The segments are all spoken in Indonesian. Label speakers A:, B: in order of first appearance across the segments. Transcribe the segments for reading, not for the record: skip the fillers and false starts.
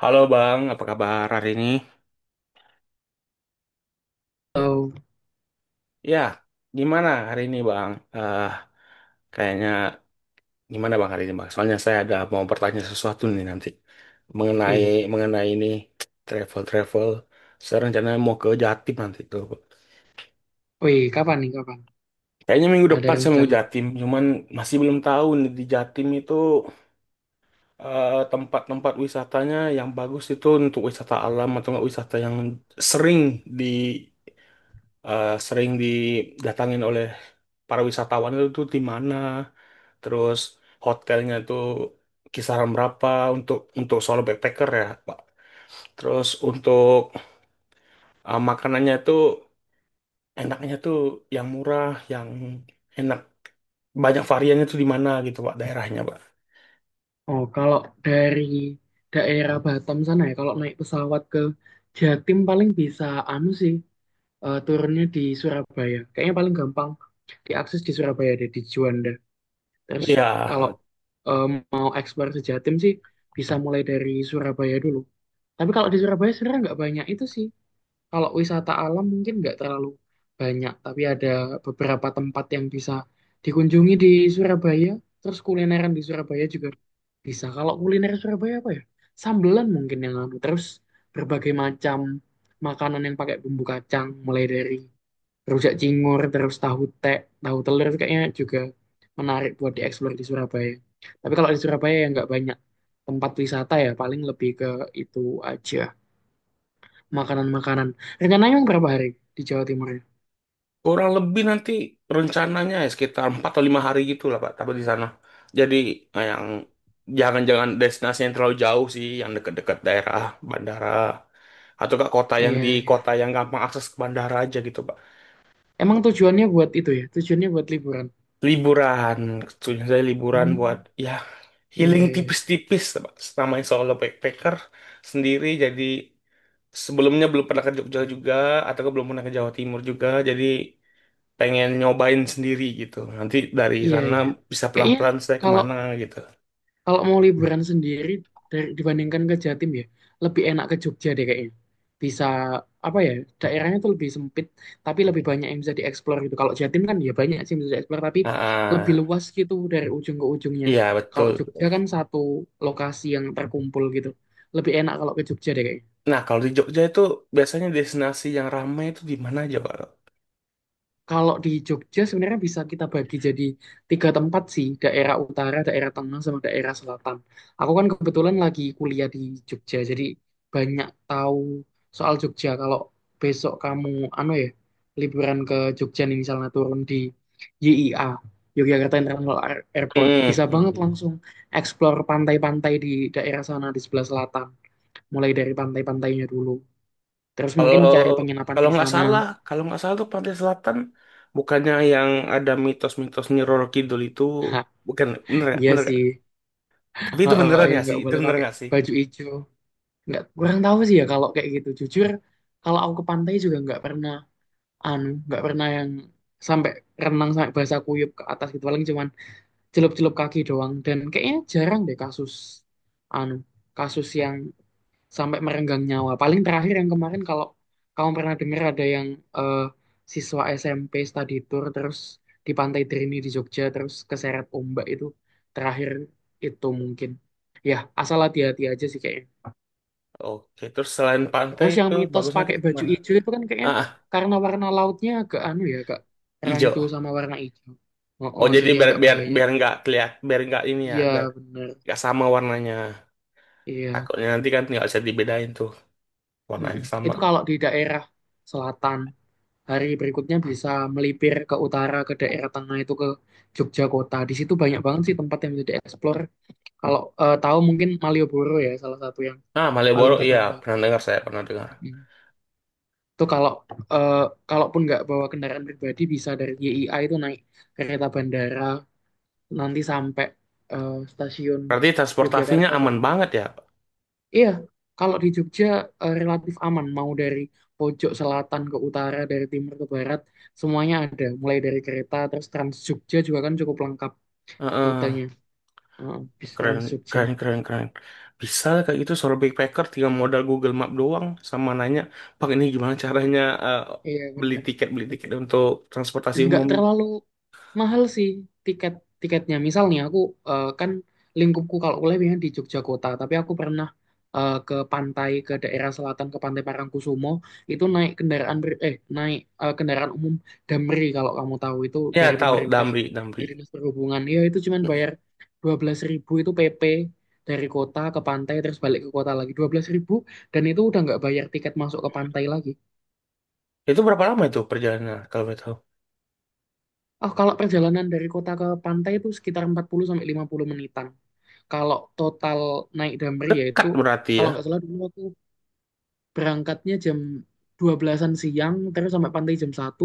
A: Halo Bang, apa kabar hari ini?
B: atau
A: Ya, gimana hari ini Bang? Eh, kayaknya gimana Bang hari ini Bang? Soalnya saya ada mau bertanya sesuatu nih nanti mengenai
B: eh,
A: mengenai ini travel travel. Saya rencananya mau ke Jatim nanti tuh.
B: oh, kapan nih, kapan?
A: Kayaknya minggu
B: Ada
A: depan saya mau ke
B: rencana.
A: Jatim, cuman masih belum tahu nih di Jatim itu tempat-tempat wisatanya yang bagus itu untuk wisata alam atau nggak wisata yang sering di. Sering didatangin oleh para wisatawan itu tuh di mana, terus hotelnya itu kisaran berapa untuk solo backpacker ya, Pak. Terus untuk makanannya itu enaknya tuh yang murah, yang enak banyak variannya tuh di mana gitu Pak daerahnya Pak.
B: Oh, kalau dari daerah Batam sana ya, kalau naik pesawat ke Jatim paling bisa anu sih, turunnya di Surabaya. Kayaknya paling gampang diakses di Surabaya deh, di Juanda. Terus
A: Iya.
B: kalau eh, mau eksplor ke Jatim sih, bisa mulai dari Surabaya dulu. Tapi kalau di Surabaya sebenarnya nggak banyak itu sih. Kalau wisata alam mungkin nggak terlalu banyak, tapi ada beberapa tempat yang bisa dikunjungi di Surabaya. Terus kulineran di Surabaya juga bisa. Kalau kuliner Surabaya apa ya? Sambelan mungkin yang anu. Terus berbagai macam makanan yang pakai bumbu kacang, mulai dari rujak cingur, terus tahu tek, tahu telur itu kayaknya juga menarik buat dieksplor di Surabaya. Tapi kalau di Surabaya ya nggak banyak tempat wisata ya, paling lebih ke itu aja. Makanan-makanan. Rencananya emang berapa hari di Jawa Timur ya?
A: Kurang lebih nanti rencananya ya sekitar 4 atau 5 hari gitu lah Pak, tapi di sana. Jadi yang jangan-jangan destinasi yang terlalu jauh sih, yang dekat-dekat daerah bandara. Atau ke kota yang
B: Iya,
A: di
B: iya.
A: kota yang gampang akses ke bandara aja gitu Pak.
B: Emang tujuannya buat itu ya? Tujuannya buat liburan.
A: Liburan, maksudnya saya liburan buat
B: Hmm,
A: ya
B: iya,
A: healing
B: iya.
A: tipis-tipis Pak. Namanya solo backpacker sendiri jadi sebelumnya belum pernah ke Jogja juga atau belum pernah ke Jawa Timur juga jadi pengen nyobain sendiri gitu. Nanti dari
B: Iya,
A: sana
B: iya.
A: bisa
B: Kayaknya
A: pelan-pelan saya
B: kalau
A: kemana gitu.
B: kalau mau liburan sendiri dibandingkan ke Jatim ya, lebih enak ke Jogja deh kayaknya. Bisa apa ya? Daerahnya tuh lebih sempit, tapi lebih banyak yang bisa dieksplor gitu. Kalau Jatim kan ya banyak sih yang bisa dieksplor, tapi
A: Ah,
B: lebih
A: ah.
B: luas gitu dari ujung ke ujungnya.
A: Iya
B: Kalau
A: betul.
B: Jogja kan satu lokasi yang terkumpul gitu. Lebih enak kalau ke Jogja deh kayaknya.
A: Nah kalau di Jogja itu biasanya destinasi yang ramai itu di mana aja Pak?
B: Kalau di Jogja sebenarnya bisa kita bagi jadi tiga tempat sih, daerah utara, daerah tengah, sama daerah selatan. Aku kan kebetulan lagi kuliah di Jogja, jadi banyak tahu soal Jogja. Kalau besok kamu, anu ya, liburan ke Jogja nih misalnya turun di YIA, Yogyakarta International Airport, bisa banget
A: Hmm.
B: langsung explore pantai-pantai di daerah sana di sebelah selatan, mulai dari pantai-pantainya dulu. Terus
A: Kalau
B: mungkin cari penginapan di sana.
A: kalau nggak salah tuh Pantai Selatan bukannya yang ada mitos-mitos Nyi Roro Kidul itu bukan bener nggak?
B: Iya
A: Bener nggak?
B: sih.
A: Tapi itu beneran
B: Yang
A: nggak sih?
B: nggak
A: Itu
B: boleh
A: bener
B: pakai
A: nggak sih?
B: baju hijau nggak kurang tahu sih ya kalau kayak gitu, jujur kalau aku ke pantai juga nggak pernah anu, nggak pernah yang sampai renang sampai basah kuyup ke atas gitu, paling cuman celup-celup kaki doang, dan kayaknya jarang deh kasus anu, kasus yang sampai merenggang nyawa. Paling terakhir yang kemarin, kalau kamu pernah dengar ada yang eh, siswa SMP study tour terus di Pantai Drini di Jogja terus keseret ombak, itu terakhir itu mungkin. Ya, asal hati-hati aja sih kayaknya.
A: Oke, terus selain pantai
B: Terus yang
A: itu
B: mitos
A: bagusnya
B: pakai
A: kita
B: baju
A: kemana?
B: hijau itu kan kayaknya
A: Ah,
B: karena warna lautnya agak anu ya, agak rancu
A: ijo.
B: sama warna hijau. Oh,
A: Oh
B: oh,
A: jadi
B: jadi
A: biar
B: agak
A: biar
B: bahaya.
A: biar nggak keliat biar nggak ini ya biar
B: Iya, bener.
A: nggak sama warnanya.
B: Iya.
A: Takutnya nanti kan nggak bisa dibedain tuh
B: Mm-mm.
A: warnanya sama.
B: Itu kalau di daerah selatan. Hari berikutnya bisa melipir ke utara ke daerah tengah, itu ke Jogja kota. Di situ banyak banget sih tempat yang bisa dieksplor. Kalau tahu mungkin Malioboro ya salah satu yang
A: Nah Malioboro
B: paling
A: iya
B: terkenal.
A: pernah dengar saya pernah dengar.
B: Mm. Itu kalau eh, kalaupun nggak bawa kendaraan pribadi bisa dari YIA itu naik kereta bandara, nanti sampai stasiun
A: Berarti transportasinya
B: Yogyakarta
A: aman
B: Tugu.
A: banget ya.
B: Iya, kalau di Jogja relatif aman, mau dari pojok selatan ke utara, dari timur ke barat, semuanya ada. Mulai dari kereta, terus Trans Jogja juga kan cukup lengkap
A: Heeh.
B: rutenya. Heeh, bis Trans
A: keren
B: Jogja.
A: keren keren keren. Bisa lah kayak gitu seorang backpacker tinggal modal Google Map doang sama nanya Pak ini gimana caranya eh,
B: Iya
A: beli
B: benar.
A: tiket beli tiket untuk transportasi
B: Dan nggak
A: umum.
B: terlalu mahal sih tiket tiketnya. Misalnya aku kan lingkupku kalau kuliah biasanya di Jogja kota, tapi aku pernah ke pantai, ke daerah selatan ke Pantai Parangkusumo. Itu naik kendaraan ber- eh naik eh, kendaraan umum Damri, kalau kamu tahu itu,
A: Ya
B: dari
A: tahu
B: pemerintah
A: Damri, Damri.
B: dari Dinas Perhubungan ya. Itu cuman bayar 12.000, itu PP dari kota ke pantai terus balik ke kota lagi, 12.000, dan itu udah nggak bayar tiket masuk ke pantai lagi.
A: Itu berapa lama itu perjalanannya kalau boleh tahu?
B: Oh, kalau perjalanan dari kota ke pantai itu sekitar 40 sampai 50 menitan. Kalau total naik Damri ya itu,
A: Dekat berarti ya.
B: kalau nggak salah dulu aku berangkatnya jam 12-an siang, terus sampai pantai jam 1.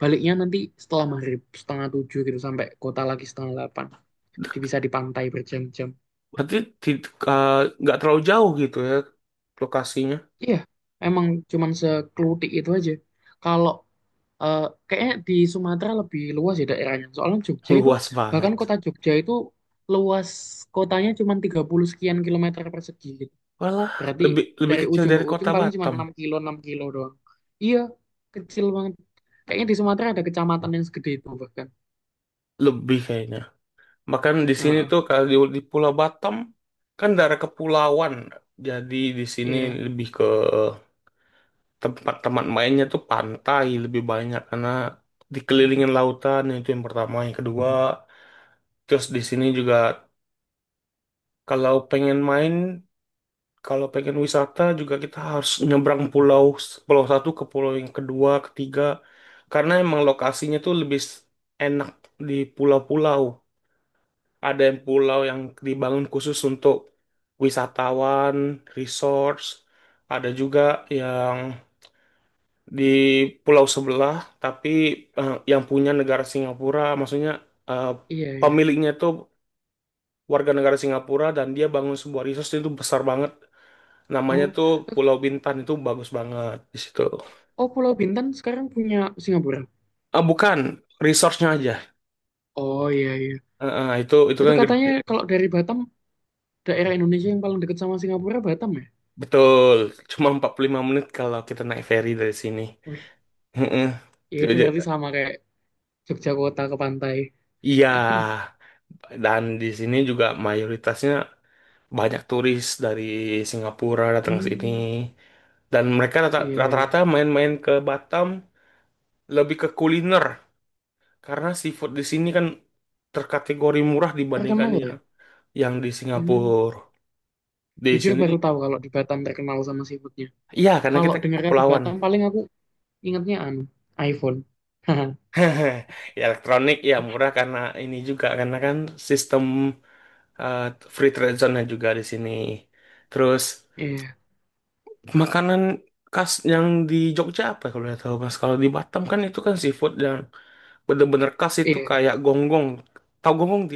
B: Baliknya nanti setelah maghrib setengah 7 gitu, sampai kota lagi setengah 8. Jadi bisa di pantai berjam-jam.
A: Berarti tid- eh, nggak terlalu jauh gitu ya lokasinya.
B: Iya, emang cuman seklutik itu aja. Kalau eh, kayaknya di Sumatera lebih luas ya daerahnya. Soalnya Jogja itu,
A: Luas banget.
B: bahkan kota Jogja itu luas kotanya cuman 30 sekian kilometer persegi gitu.
A: Walah,
B: Berarti
A: lebih lebih
B: dari
A: kecil
B: ujung
A: dari
B: ke ujung
A: kota
B: paling cuma
A: Batam.
B: 6 kilo, 6 kilo doang. Iya, kecil banget. Kayaknya di Sumatera ada kecamatan yang segede itu bahkan.
A: Lebih kayaknya. Bahkan di sini
B: Heeh,
A: tuh kalau di Pulau Batam kan daerah kepulauan. Jadi di sini
B: iya.
A: lebih ke tempat teman mainnya tuh pantai lebih banyak karena
B: Hmm,
A: dikelilingin lautan itu yang pertama, yang kedua. Terus di sini juga kalau pengen main kalau pengen wisata juga kita harus nyebrang pulau pulau satu ke pulau yang kedua, ketiga, karena emang lokasinya tuh enak di pulau-pulau. Ada yang pulau yang dibangun khusus untuk wisatawan, resorts, ada juga yang di pulau sebelah, tapi yang punya negara Singapura, maksudnya eh,
B: iya, iya.
A: pemiliknya tuh warga negara Singapura dan dia bangun sebuah resort itu besar banget. Namanya
B: Oh,
A: tuh
B: eh,
A: Pulau Bintan itu bagus banget di situ.
B: oh, Pulau Bintan sekarang punya Singapura.
A: Ah bukan, resource-nya aja.
B: Oh, iya iya.
A: Itu
B: Itu
A: kan
B: katanya
A: gede.
B: kalau dari Batam daerah Indonesia yang paling dekat sama Singapura, Batam ya?
A: Betul. Cuma 45 menit kalau kita naik ferry dari sini.
B: Wih,
A: Heeh.
B: ya itu
A: Jadi- jadi-
B: berarti sama kayak Jogja kota ke pantai.
A: Iya. Dan di sini juga mayoritasnya banyak turis dari Singapura datang ke sini.
B: Hmm,
A: Dan mereka
B: iya iya.
A: rata-rata main-main ke Batam lebih ke kuliner karena seafood di sini kan terkategori murah dibandingkan
B: Terkenal ya?
A: yang di
B: Hmm,
A: Singapura. Di
B: jujur
A: sini,
B: baru tahu kalau di Batam terkenal sama seafoodnya.
A: iya karena
B: Kalau
A: kita
B: dengar kata
A: kepulauan.
B: Batam paling aku ingatnya anu, iPhone. Haha,
A: Ya, elektronik ya murah karena ini juga karena kan sistem eh, free trade zone-nya juga di sini. Terus
B: iya,
A: makanan khas yang di Jogja apa kalau boleh tahu Mas? Kalau di Batam kan itu kan seafood yang bener-bener khas itu
B: iya.
A: kayak gonggong. Tahu gonggong di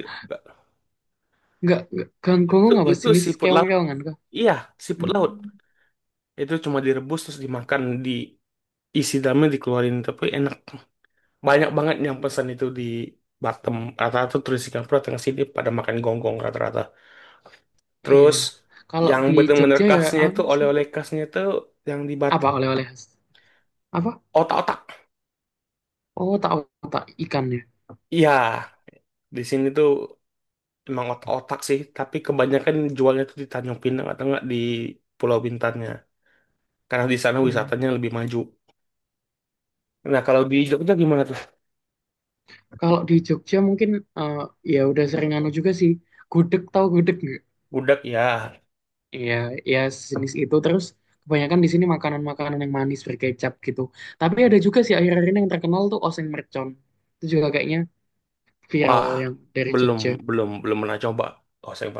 B: Nggak ganggu,
A: Itu
B: apa
A: itu
B: jenis
A: seafood laut.
B: keong-keongan kah?
A: Iya, seafood
B: Hmm,
A: laut. Itu cuma direbus terus dimakan diisi dalamnya dikeluarin tapi enak. Banyak banget yang pesan itu di Batam. Rata-rata turis Singapura tengah sini pada makan gonggong rata-rata.
B: iya.
A: Terus
B: Kalau
A: yang
B: di
A: bener-bener
B: Jogja ya
A: khasnya itu
B: anu sih.
A: oleh-oleh khasnya itu yang di
B: Apa
A: Batam.
B: oleh-oleh khas? Apa?
A: Otak-otak.
B: Oh, tak otak ikan ya.
A: Iya, di sini tuh emang otak-otak sih. Tapi kebanyakan jualnya tuh di Tanjung Pinang atau enggak di Pulau Bintannya. Karena di sana
B: Hmm.
A: wisatanya lebih maju. Nah, kalau di Jogja gimana tuh?
B: Kalau di Jogja mungkin eh, ya udah sering anu juga sih. Gudeg, tahu gudeg nggak?
A: Budak ya.
B: Iya, ya sejenis itu. Terus kebanyakan di sini makanan-makanan yang manis berkecap gitu. Tapi ada juga sih akhir-akhir ini yang terkenal tuh oseng mercon. Itu juga kayaknya viral
A: Wah,
B: yang dari
A: belum,
B: Jogja.
A: belum pernah coba. Oh, saya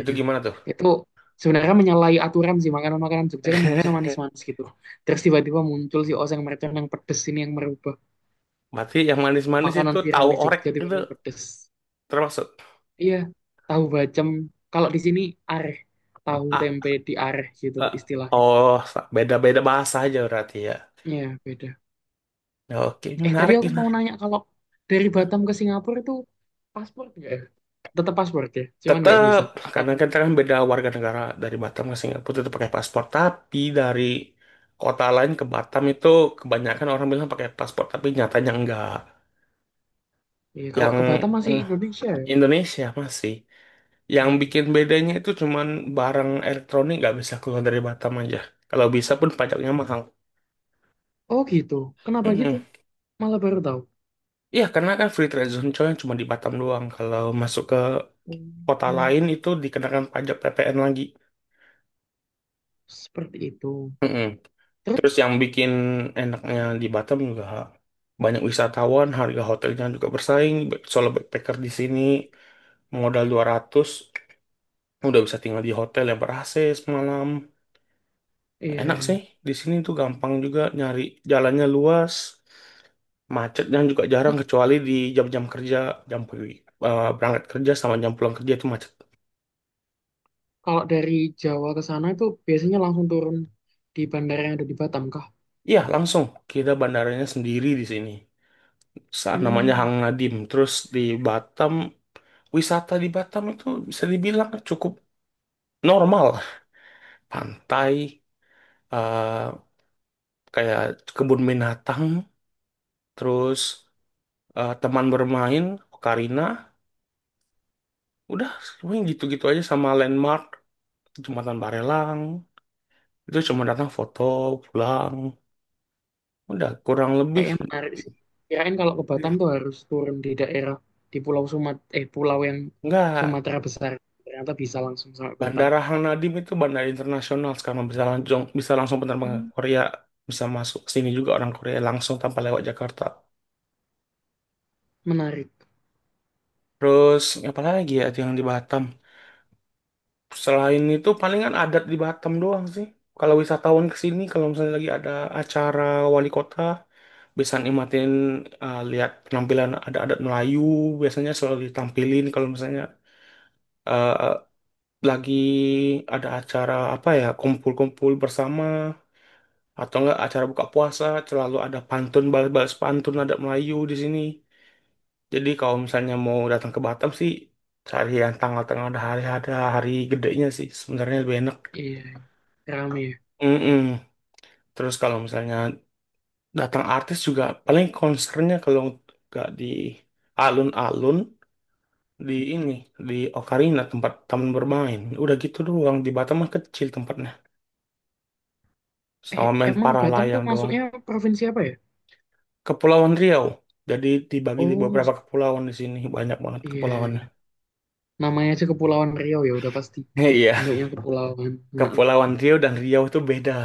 A: itu gimana tuh?
B: Itu sebenarnya menyalahi aturan sih, makanan-makanan Jogja kan harusnya manis-manis gitu. Terus tiba-tiba muncul si oseng mercon yang pedes ini, yang merubah
A: Berarti yang manis-manis itu
B: makanan viral
A: tahu
B: di
A: orek
B: Jogja
A: itu
B: tiba-tiba pedes.
A: termasuk
B: Iya, tahu bacem. Kalau di sini areh, tahu
A: A,
B: tempe di areh gitu
A: E,
B: istilahnya.
A: oh beda-beda bahasa aja berarti ya.
B: Iya, beda.
A: Ya, oke,
B: Tadi
A: menarik,
B: aku mau
A: menarik.
B: nanya, kalau dari Batam ke Singapura itu paspor nggak ya? Tetap paspor ya, cuman nggak
A: Tetap
B: visa. Atau
A: karena kita kan beda warga negara dari Batam ke Singapura itu pakai paspor, tapi dari kota lain ke Batam itu kebanyakan orang bilang pakai paspor, tapi nyatanya enggak.
B: iya, kalau
A: Yang
B: ke Batam masih
A: mm,
B: Indonesia ya.
A: Indonesia masih. Yang
B: Iya.
A: bikin bedanya itu cuman barang elektronik nggak bisa keluar dari Batam aja. Kalau bisa pun pajaknya mahal.
B: Oh gitu. Kenapa gitu?
A: Mm-mm.
B: Malah baru tahu.
A: Iya, karena kan free trade zone coy cuma di Batam doang. Kalau masuk ke kota
B: Hmm,
A: lain itu dikenakan pajak PPN lagi.
B: seperti itu.
A: Mm-mm. Terus
B: Terus,
A: yang bikin enaknya di Batam juga banyak wisatawan, harga hotelnya juga bersaing. Solo backpacker di sini modal 200 udah bisa tinggal di hotel yang ber-AC semalam. Ya,
B: iya.
A: enak
B: Iya.
A: sih, di sini tuh gampang juga nyari jalannya luas, macetnya juga jarang
B: Ini
A: kecuali di jam-jam kerja, jam pagi, berangkat kerja sama jam pulang kerja itu macet.
B: Kalau dari Jawa ke sana itu biasanya langsung turun di bandara yang ada di Batam kah?
A: Iya, langsung. Kita bandaranya sendiri di sini. Namanya
B: Hmm.
A: Hang Nadim. Terus di Batam, wisata di Batam itu bisa dibilang cukup normal. Pantai, eh, kayak kebun binatang, terus teman bermain, Ocarina. Udah, semuanya gitu-gitu aja sama landmark, Jembatan Barelang. Itu cuma datang foto, pulang. Udah, kurang lebih.
B: Kayaknya menarik sih. Kirain kalau ke Batam tuh harus turun di daerah, di Pulau Sumat eh pulau yang
A: Enggak,
B: Sumatera besar. Ternyata bisa langsung sampai Batam.
A: Bandara Hang Nadim itu bandara internasional sekarang bisa langsung penerbang ke
B: Hmm,
A: Korea bisa masuk ke sini juga orang Korea langsung tanpa lewat Jakarta.
B: menarik.
A: Terus apa lagi ya yang di Batam? Selain itu palingan adat di Batam doang sih. Kalau wisatawan ke sini kalau misalnya lagi ada acara wali kota bisa nikmatin lihat penampilan ada adat Melayu biasanya selalu ditampilin kalau misalnya eh, lagi ada acara apa ya kumpul-kumpul bersama atau enggak acara buka puasa selalu ada pantun balas-balas pantun ada Melayu di sini jadi kalau misalnya mau datang ke Batam sih cari yang tanggal-tanggal ada hari gedenya sih sebenarnya lebih enak.
B: Iya, rame ya.
A: Mm-mm. Terus kalau misalnya datang artis juga paling konsernya kalau nggak di alun-alun di ini di Ocarina tempat taman bermain udah gitu doang di Batam mah kecil tempatnya sama main
B: Emang
A: para
B: Batam tuh
A: layang doang.
B: masuknya provinsi apa ya?
A: Kepulauan Riau. Jadi dibagi di
B: Oh,
A: beberapa
B: masuk.
A: kepulauan di sini. Banyak banget
B: Iya,
A: kepulauannya.
B: iya. Namanya aja Kepulauan Riau, ya udah pasti.
A: Iya,
B: Bentuknya kepulauan. Nah,
A: Kepulauan Riau dan Riau itu beda.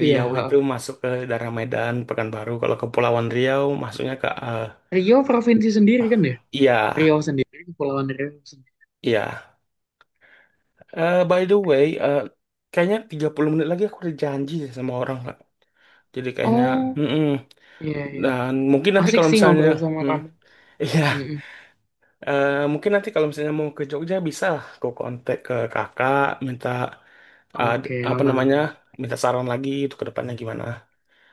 B: iya,
A: Riau itu
B: ha.
A: masuk ke daerah Medan, Pekanbaru. Kalau Kepulauan Riau masuknya ke
B: Riau provinsi sendiri kan ya?
A: iya,
B: Riau sendiri, Kepulauan Riau sendiri.
A: iya. By the way, kayaknya 30 menit lagi aku ada janji deh sama orang, Kak. Jadi kayaknya,
B: Oh,
A: mm-mm.
B: iya iya.
A: Dan mungkin nanti
B: Asik
A: kalau
B: sih
A: misalnya,
B: ngobrol sama
A: mm,
B: kamu.
A: iya,
B: Mm-mm.
A: Mungkin nanti kalau misalnya mau ke Jogja bisa lah. Aku kontak ke kakak, minta
B: Oke,
A: apa
B: aman
A: namanya
B: aman.
A: minta saran lagi itu ke depannya gimana.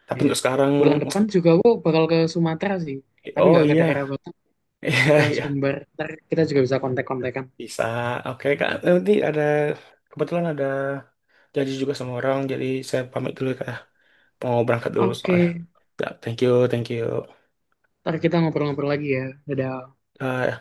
A: Tapi
B: Iya.
A: untuk sekarang,
B: Bulan depan juga aku bakal ke Sumatera sih. Tapi
A: oh
B: nggak ke daerah
A: iya,
B: Batak,
A: iya
B: ke
A: iya
B: Sumber. Ntar kita juga bisa kontak-kontakan.
A: bisa. Oke kak, nanti ada kebetulan ada janji juga sama orang, jadi saya pamit dulu ya, kak. Ya. Mau berangkat dulu soalnya.
B: Oke,
A: Ya, thank you, thank you.
B: ntar kita ngobrol-ngobrol lagi ya. Dadah.
A: Bye.